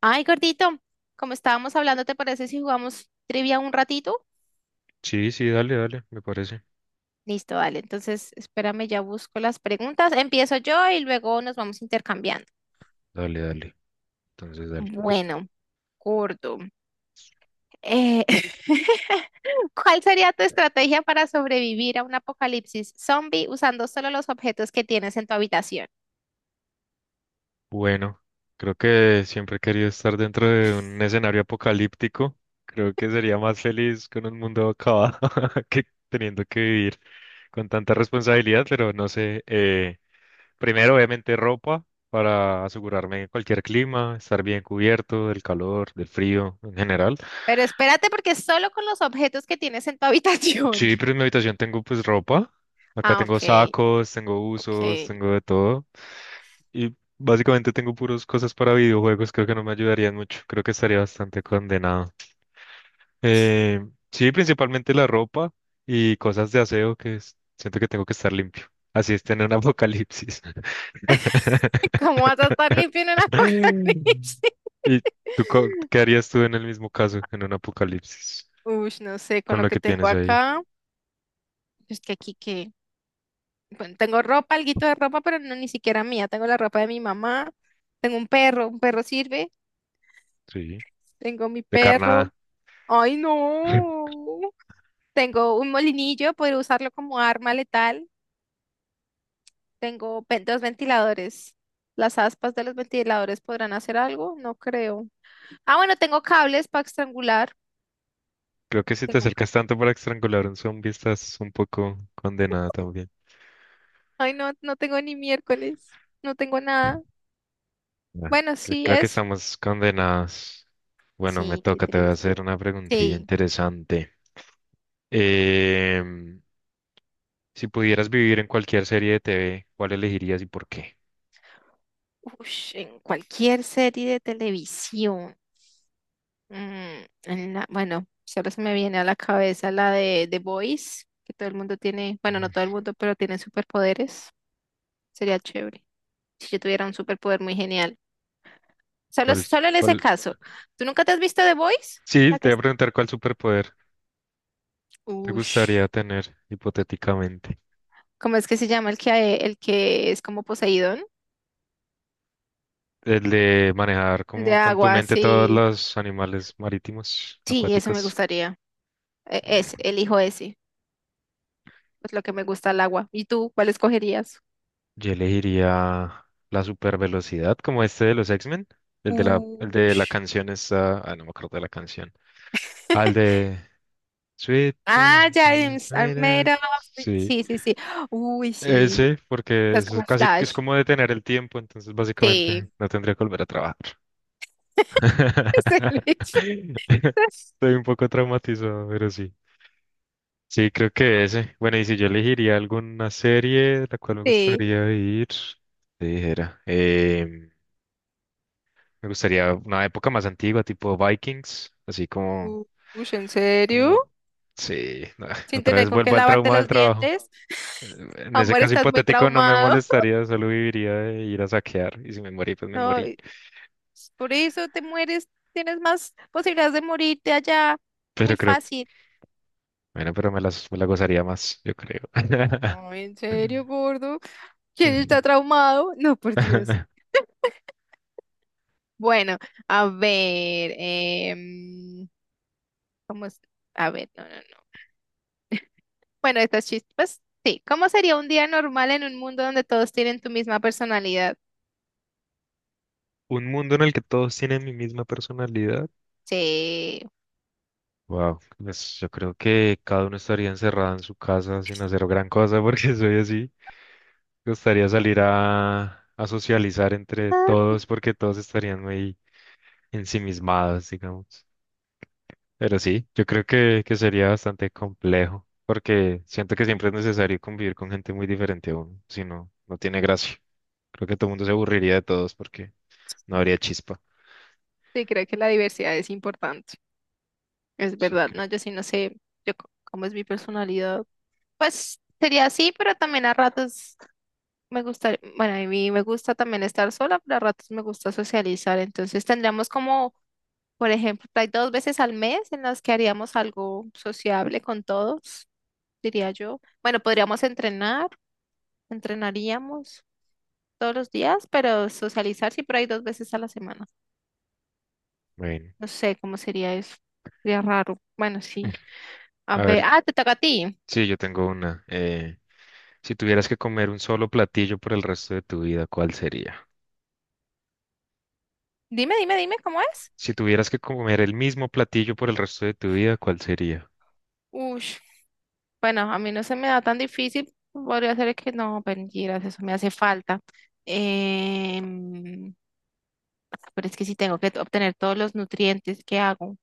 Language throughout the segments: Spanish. Ay, gordito, como estábamos hablando, ¿te parece si jugamos trivia un ratito? Sí, sí, dale, dale, me parece. Listo, dale. Entonces, espérame, ya busco las preguntas. Empiezo yo y luego nos vamos intercambiando. Dale, dale. Entonces, dale. Es Bueno, gordo, eh, ¿cuál sería tu estrategia para sobrevivir a un apocalipsis zombie usando solo los objetos que tienes en tu habitación? bueno, creo que siempre he querido estar dentro de un escenario apocalíptico. Creo que sería más feliz con un mundo acabado que teniendo que vivir con tanta responsabilidad, pero no sé. Primero, obviamente, ropa para asegurarme de cualquier clima, estar bien cubierto del calor, del frío en general. Pero espérate, porque solo con los objetos que tienes en tu habitación. Sí, pero en mi habitación tengo pues ropa. Acá Ah, tengo ok, sacos, tengo usos, ok. tengo de todo. Y básicamente tengo puras cosas para videojuegos. Creo que no me ayudarían mucho. Creo que estaría bastante condenado. Eh, sí, principalmente la ropa y cosas de aseo siento que tengo que estar limpio. Así es tener un apocalipsis. ¿Cómo vas a estar limpio en un apocalipsis? ¿Y qué harías tú en el mismo caso, en un apocalipsis, Uy, no sé, con con lo lo que que tengo tienes ahí? acá, es que aquí que, bueno, tengo ropa, alguito de ropa, pero no ni siquiera mía, tengo la ropa de mi mamá, tengo un perro sirve, Sí, tengo mi de perro, carnada. ay no, tengo un molinillo, poder usarlo como arma letal, tengo dos ventiladores, las aspas de los ventiladores podrán hacer algo, no creo. Ah, bueno, tengo cables para estrangular, Creo que si te tengo, acercas tanto para estrangular a un zombie, estás un poco condenada también. ay no, no tengo ni miércoles, no tengo nada, Bueno, bueno, sí, creo que eso. estamos condenados. Bueno, me Sí, qué toca, te voy a hacer triste. una preguntilla Sí, interesante. Em, si pudieras vivir en cualquier serie de TV, ¿cuál elegirías y por qué? ush, en cualquier serie de televisión. Bueno, solo se me viene a la cabeza la de The Boys, que todo el mundo tiene, bueno, no Mm. todo el mundo, pero tiene superpoderes. Sería chévere si yo tuviera un superpoder muy genial. ¿Cuál, Solo en ese cuál? caso. ¿Tú nunca te has visto The Boys? Sí, La te que voy a es... preguntar cuál superpoder te Ush. gustaría tener hipotéticamente. ¿Cómo es que se llama el que es como Poseidón? El de manejar El de como con tu agua, mente todos sí. los animales marítimos, Sí, eso me acuáticos. gustaría. Mm. Ese, elijo ese. Pues lo que me gusta el agua. ¿Y tú, cuál escogerías? Yo elegiría la super velocidad, como este de los X-Men, el de la Ush. canción esa, ah, no me acuerdo de la canción, al de Sweet Ah, Things, ya, is James, are made made of- of- sí, Sí, sí, sí. Uy, sí. ese, porque Es eso es como casi que es Flash. como detener el tiempo, entonces básicamente Sí. no tendría que volver a trabajar. Estoy un poco traumatizado, pero sí. Sí, creo que ese. Bueno, y si yo elegiría alguna serie de la cual me Sí. Sí. gustaría ir, te dijera. Me gustaría una época más antigua, tipo Vikings, así como, Ush, ¿en serio? como, sí, no, Sin otra tener vez con qué vuelvo al lavarte trauma del los trabajo. dientes. En ese Amor, caso estás muy hipotético no me traumado. molestaría, solo viviría de ir a saquear y si me morí, pues me No, morí. y por eso te mueres. Tienes más posibilidades de morirte allá. Pero Muy creo, fácil. bueno, pero me la gozaría más, yo creo. No, ¿en serio, gordo? ¿Quién está traumado? No, por Dios. Bueno, a ver, ¿cómo es? A ver, no, no, no. Bueno, estas chispas, sí. ¿Cómo sería un día normal en un mundo donde todos tienen tu misma personalidad? Un mundo en el que todos tienen mi misma personalidad. Sí. Wow, pues yo creo que cada uno estaría encerrado en su casa sin hacer gran cosa porque soy así. Me gustaría salir a socializar entre Ah, todos porque todos estarían muy ensimismados, digamos. Pero sí, yo creo que sería bastante complejo porque siento que siempre es necesario convivir con gente muy diferente a uno, si no, no tiene gracia. Creo que todo el mundo se aburriría de todos porque no habría chispa. sí, creo que la diversidad es importante. Es Sí, verdad, ¿no? creo. Yo sí no sé yo, c- cómo es mi personalidad. Pues sería así, pero también a ratos me gusta, bueno, a mí me gusta también estar sola, pero a ratos me gusta socializar. Entonces tendríamos como... Por ejemplo, hay dos veces al mes en las que haríamos algo sociable con todos, diría yo. Bueno, podríamos entrenar, entrenaríamos todos los días, pero socializar sí, pero hay dos veces a la semana. Bueno, No sé cómo sería eso. Sería raro. Bueno, sí. A a ver, ver, ah, te toca a ti. sí, yo tengo una. Si tuvieras que comer un solo platillo por el resto de tu vida, ¿cuál sería? Dime, dime, dime cómo es. Si tuvieras que comer el mismo platillo por el resto de tu vida, ¿cuál sería? Uy, bueno, a mí no se me da tan difícil. Podría ser que no, mentiras, eso me hace falta. Em, pero es que sí tengo que obtener todos los nutrientes que hago.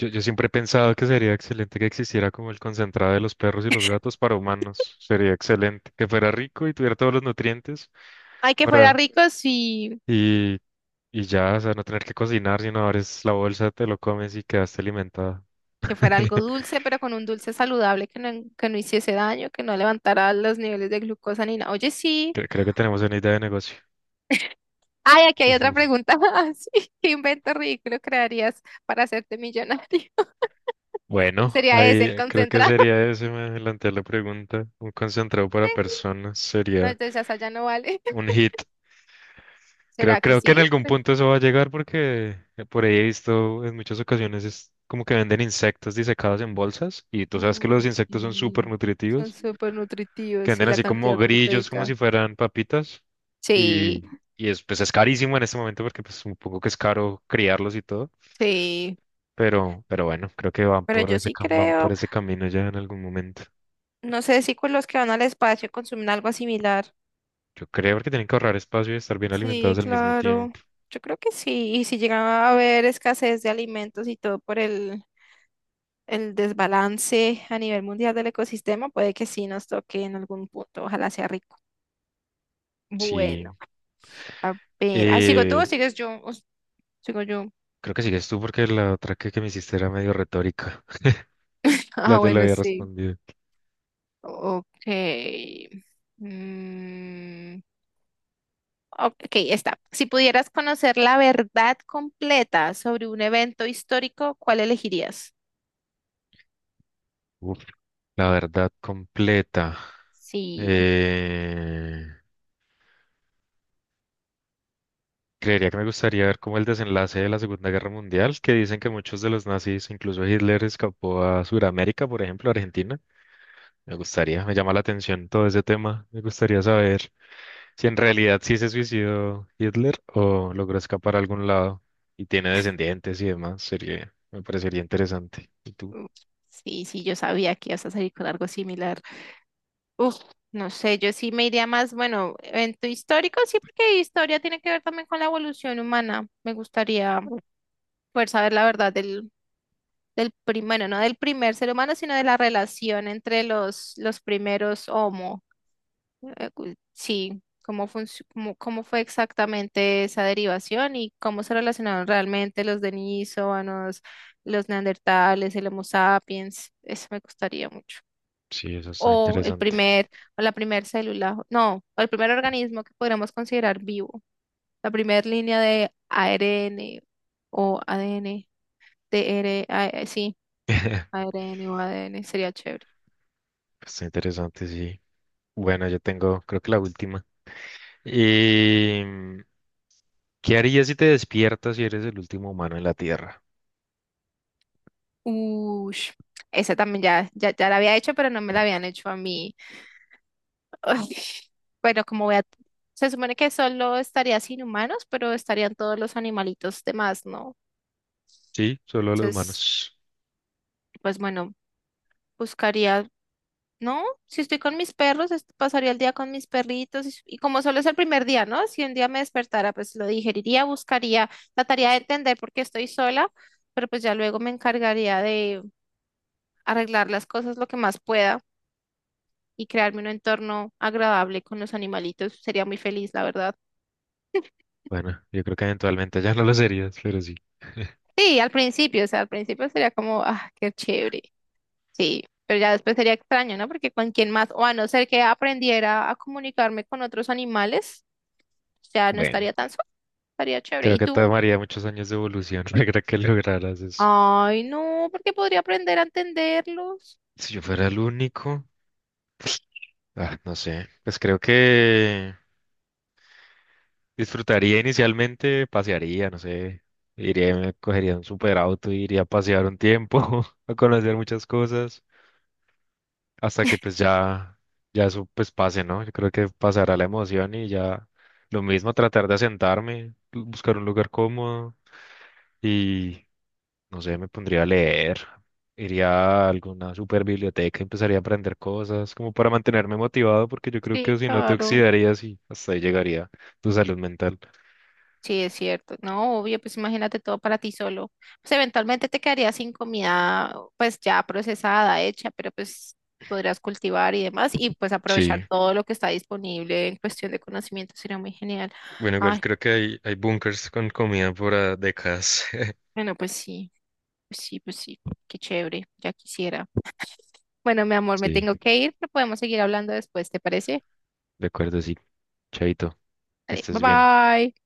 Yo siempre he pensado que sería excelente que existiera como el concentrado de los perros y los gatos para humanos. Sería excelente. Que fuera rico y tuviera todos los nutrientes Ay, que fuera para... rico, sí, Y, y ya, o sea, no tener que cocinar, sino abres la bolsa, te lo comes y quedaste alimentado. que fuera algo dulce, pero con un dulce saludable que no hiciese daño, que no levantara los niveles de glucosa ni nada. Oye, sí. Creo que tenemos una idea de negocio. Ay, aquí hay otra pregunta más. ¿Qué invento ridículo crearías para hacerte millonario? Bueno, ¿Sería ese el ahí creo que concentrado? sería eso, me adelanté a la pregunta. Un concentrado para personas No, sería entonces esa ya no vale. un hit. ¿Será que Creo que en sí? algún punto eso va a llegar porque por ahí he visto en muchas ocasiones es como que venden insectos disecados en bolsas y tú sabes que los Uy, insectos son súper sí. Son nutritivos, súper que nutritivos sí venden la así como cantidad grillos, como si proteica. fueran papitas y, Sí, y es, pues es carísimo en este momento porque pues un poco que es caro criarlos y todo, sí. Pero bueno, creo que van Pero por yo sí van por creo. ese camino ya en algún momento. No sé si con los que van al espacio consumen algo similar. Yo creo que tienen que ahorrar espacio y estar bien Sí, alimentados al mismo claro. tiempo. Yo creo que sí. Y si llegaba a haber escasez de alimentos y todo el desbalance a nivel mundial del ecosistema, puede que sí nos toque en algún punto. Ojalá sea rico. Sí. Bueno, a ver. Ah, ¿sigo tú o Eh, sigues yo? Sigo yo. Creo que sigues tú porque que me hiciste era medio retórica. Ah, La te la bueno, había sí. respondido. Ok. Mm, ok, está. Si pudieras conocer la verdad completa sobre un evento histórico, ¿cuál elegirías? Uf, la verdad completa. Sí. Eh, Creería que me gustaría ver como el desenlace de la Segunda Guerra Mundial, que dicen que muchos de los nazis, incluso Hitler, escapó a Sudamérica, por ejemplo, Argentina. Me gustaría, me llama la atención todo ese tema. Me gustaría saber si en realidad sí se suicidó Hitler o logró escapar a algún lado y tiene descendientes y demás. Sería, me parecería interesante. ¿Y tú? Mm, sí, sí, yo sabía que ibas a salir con algo similar. Uf, no sé, yo sí me iría más, bueno, evento histórico, sí, porque historia tiene que ver también con la evolución humana. Me gustaría poder saber del primero, no del primer ser humano, sino de la relación entre los primeros homo. Sí, cómo fue exactamente esa derivación y cómo se relacionaron realmente los denisovanos, los neandertales, el Homo sapiens. Eso me gustaría mucho. Sí, eso está o el interesante. primer, o la primer célula, no, o el primer organismo que podríamos considerar vivo, la primera línea de ARN o ADN, sí, ARN o ADN sería chévere. Está interesante, sí. Bueno, yo tengo, creo que la última. Y, mm, ¿qué harías si te despiertas y eres el último humano en la Tierra? Ush, esa también ya, ya, ya la había hecho, pero no me la habían hecho a mí. Uy, bueno, se supone que solo estaría sin humanos, pero estarían todos los animalitos demás, ¿no? Sí, solo los Entonces, humanos. pues bueno, buscaría... No, si estoy con mis perros, pasaría el día con mis perritos y como solo es el primer día, ¿no? Si un día me despertara, pues lo digeriría, buscaría, trataría de entender por qué estoy sola, pero pues ya luego me encargaría de arreglar las cosas lo que más pueda y crearme un entorno agradable con los animalitos. Sería muy feliz, la verdad. Bueno, yo creo que eventualmente ya no lo serías, pero sí. Sí, al principio, o sea, al principio sería como, ah, qué chévere. Sí, pero ya después sería extraño, ¿no? Porque con quién más, o a no ser que aprendiera a comunicarme con otros animales, ya no Bueno, estaría tan sola. Estaría chévere. creo ¿Y que tú? tomaría muchos años de evolución para que lograras eso. Ay, no, porque podría aprender a entenderlos. Si yo fuera el único, ah, no sé, pues creo que disfrutaría inicialmente, pasearía, no sé, iría, me cogería un super auto, iría a pasear un tiempo, a conocer muchas cosas, hasta que pues ya, ya eso pues pase, ¿no? Yo creo que pasará la emoción y ya lo mismo, tratar de asentarme, buscar un lugar cómodo y, no sé, me pondría a leer, iría a alguna super biblioteca, empezaría a aprender cosas, como para mantenerme motivado, porque yo creo Sí, que si no te claro. oxidarías y hasta ahí llegaría tu salud mental. Sí, es cierto. No, obvio, pues imagínate todo para ti solo. Pues eventualmente te quedaría sin comida, pues ya procesada, hecha, pero pues podrías cultivar y demás y pues Sí. aprovechar todo lo que está disponible en cuestión de conocimiento. Sería muy genial. Bueno, igual Ay, creo que hay bunkers con comida por ah, décadas. bueno, pues sí, pues sí, pues sí. Qué chévere, ya quisiera. Bueno, mi amor, me Sí, tengo que ir, pero podemos seguir hablando después, ¿te parece? de acuerdo, sí. Chaito, que Dale, bye estés bien. bye.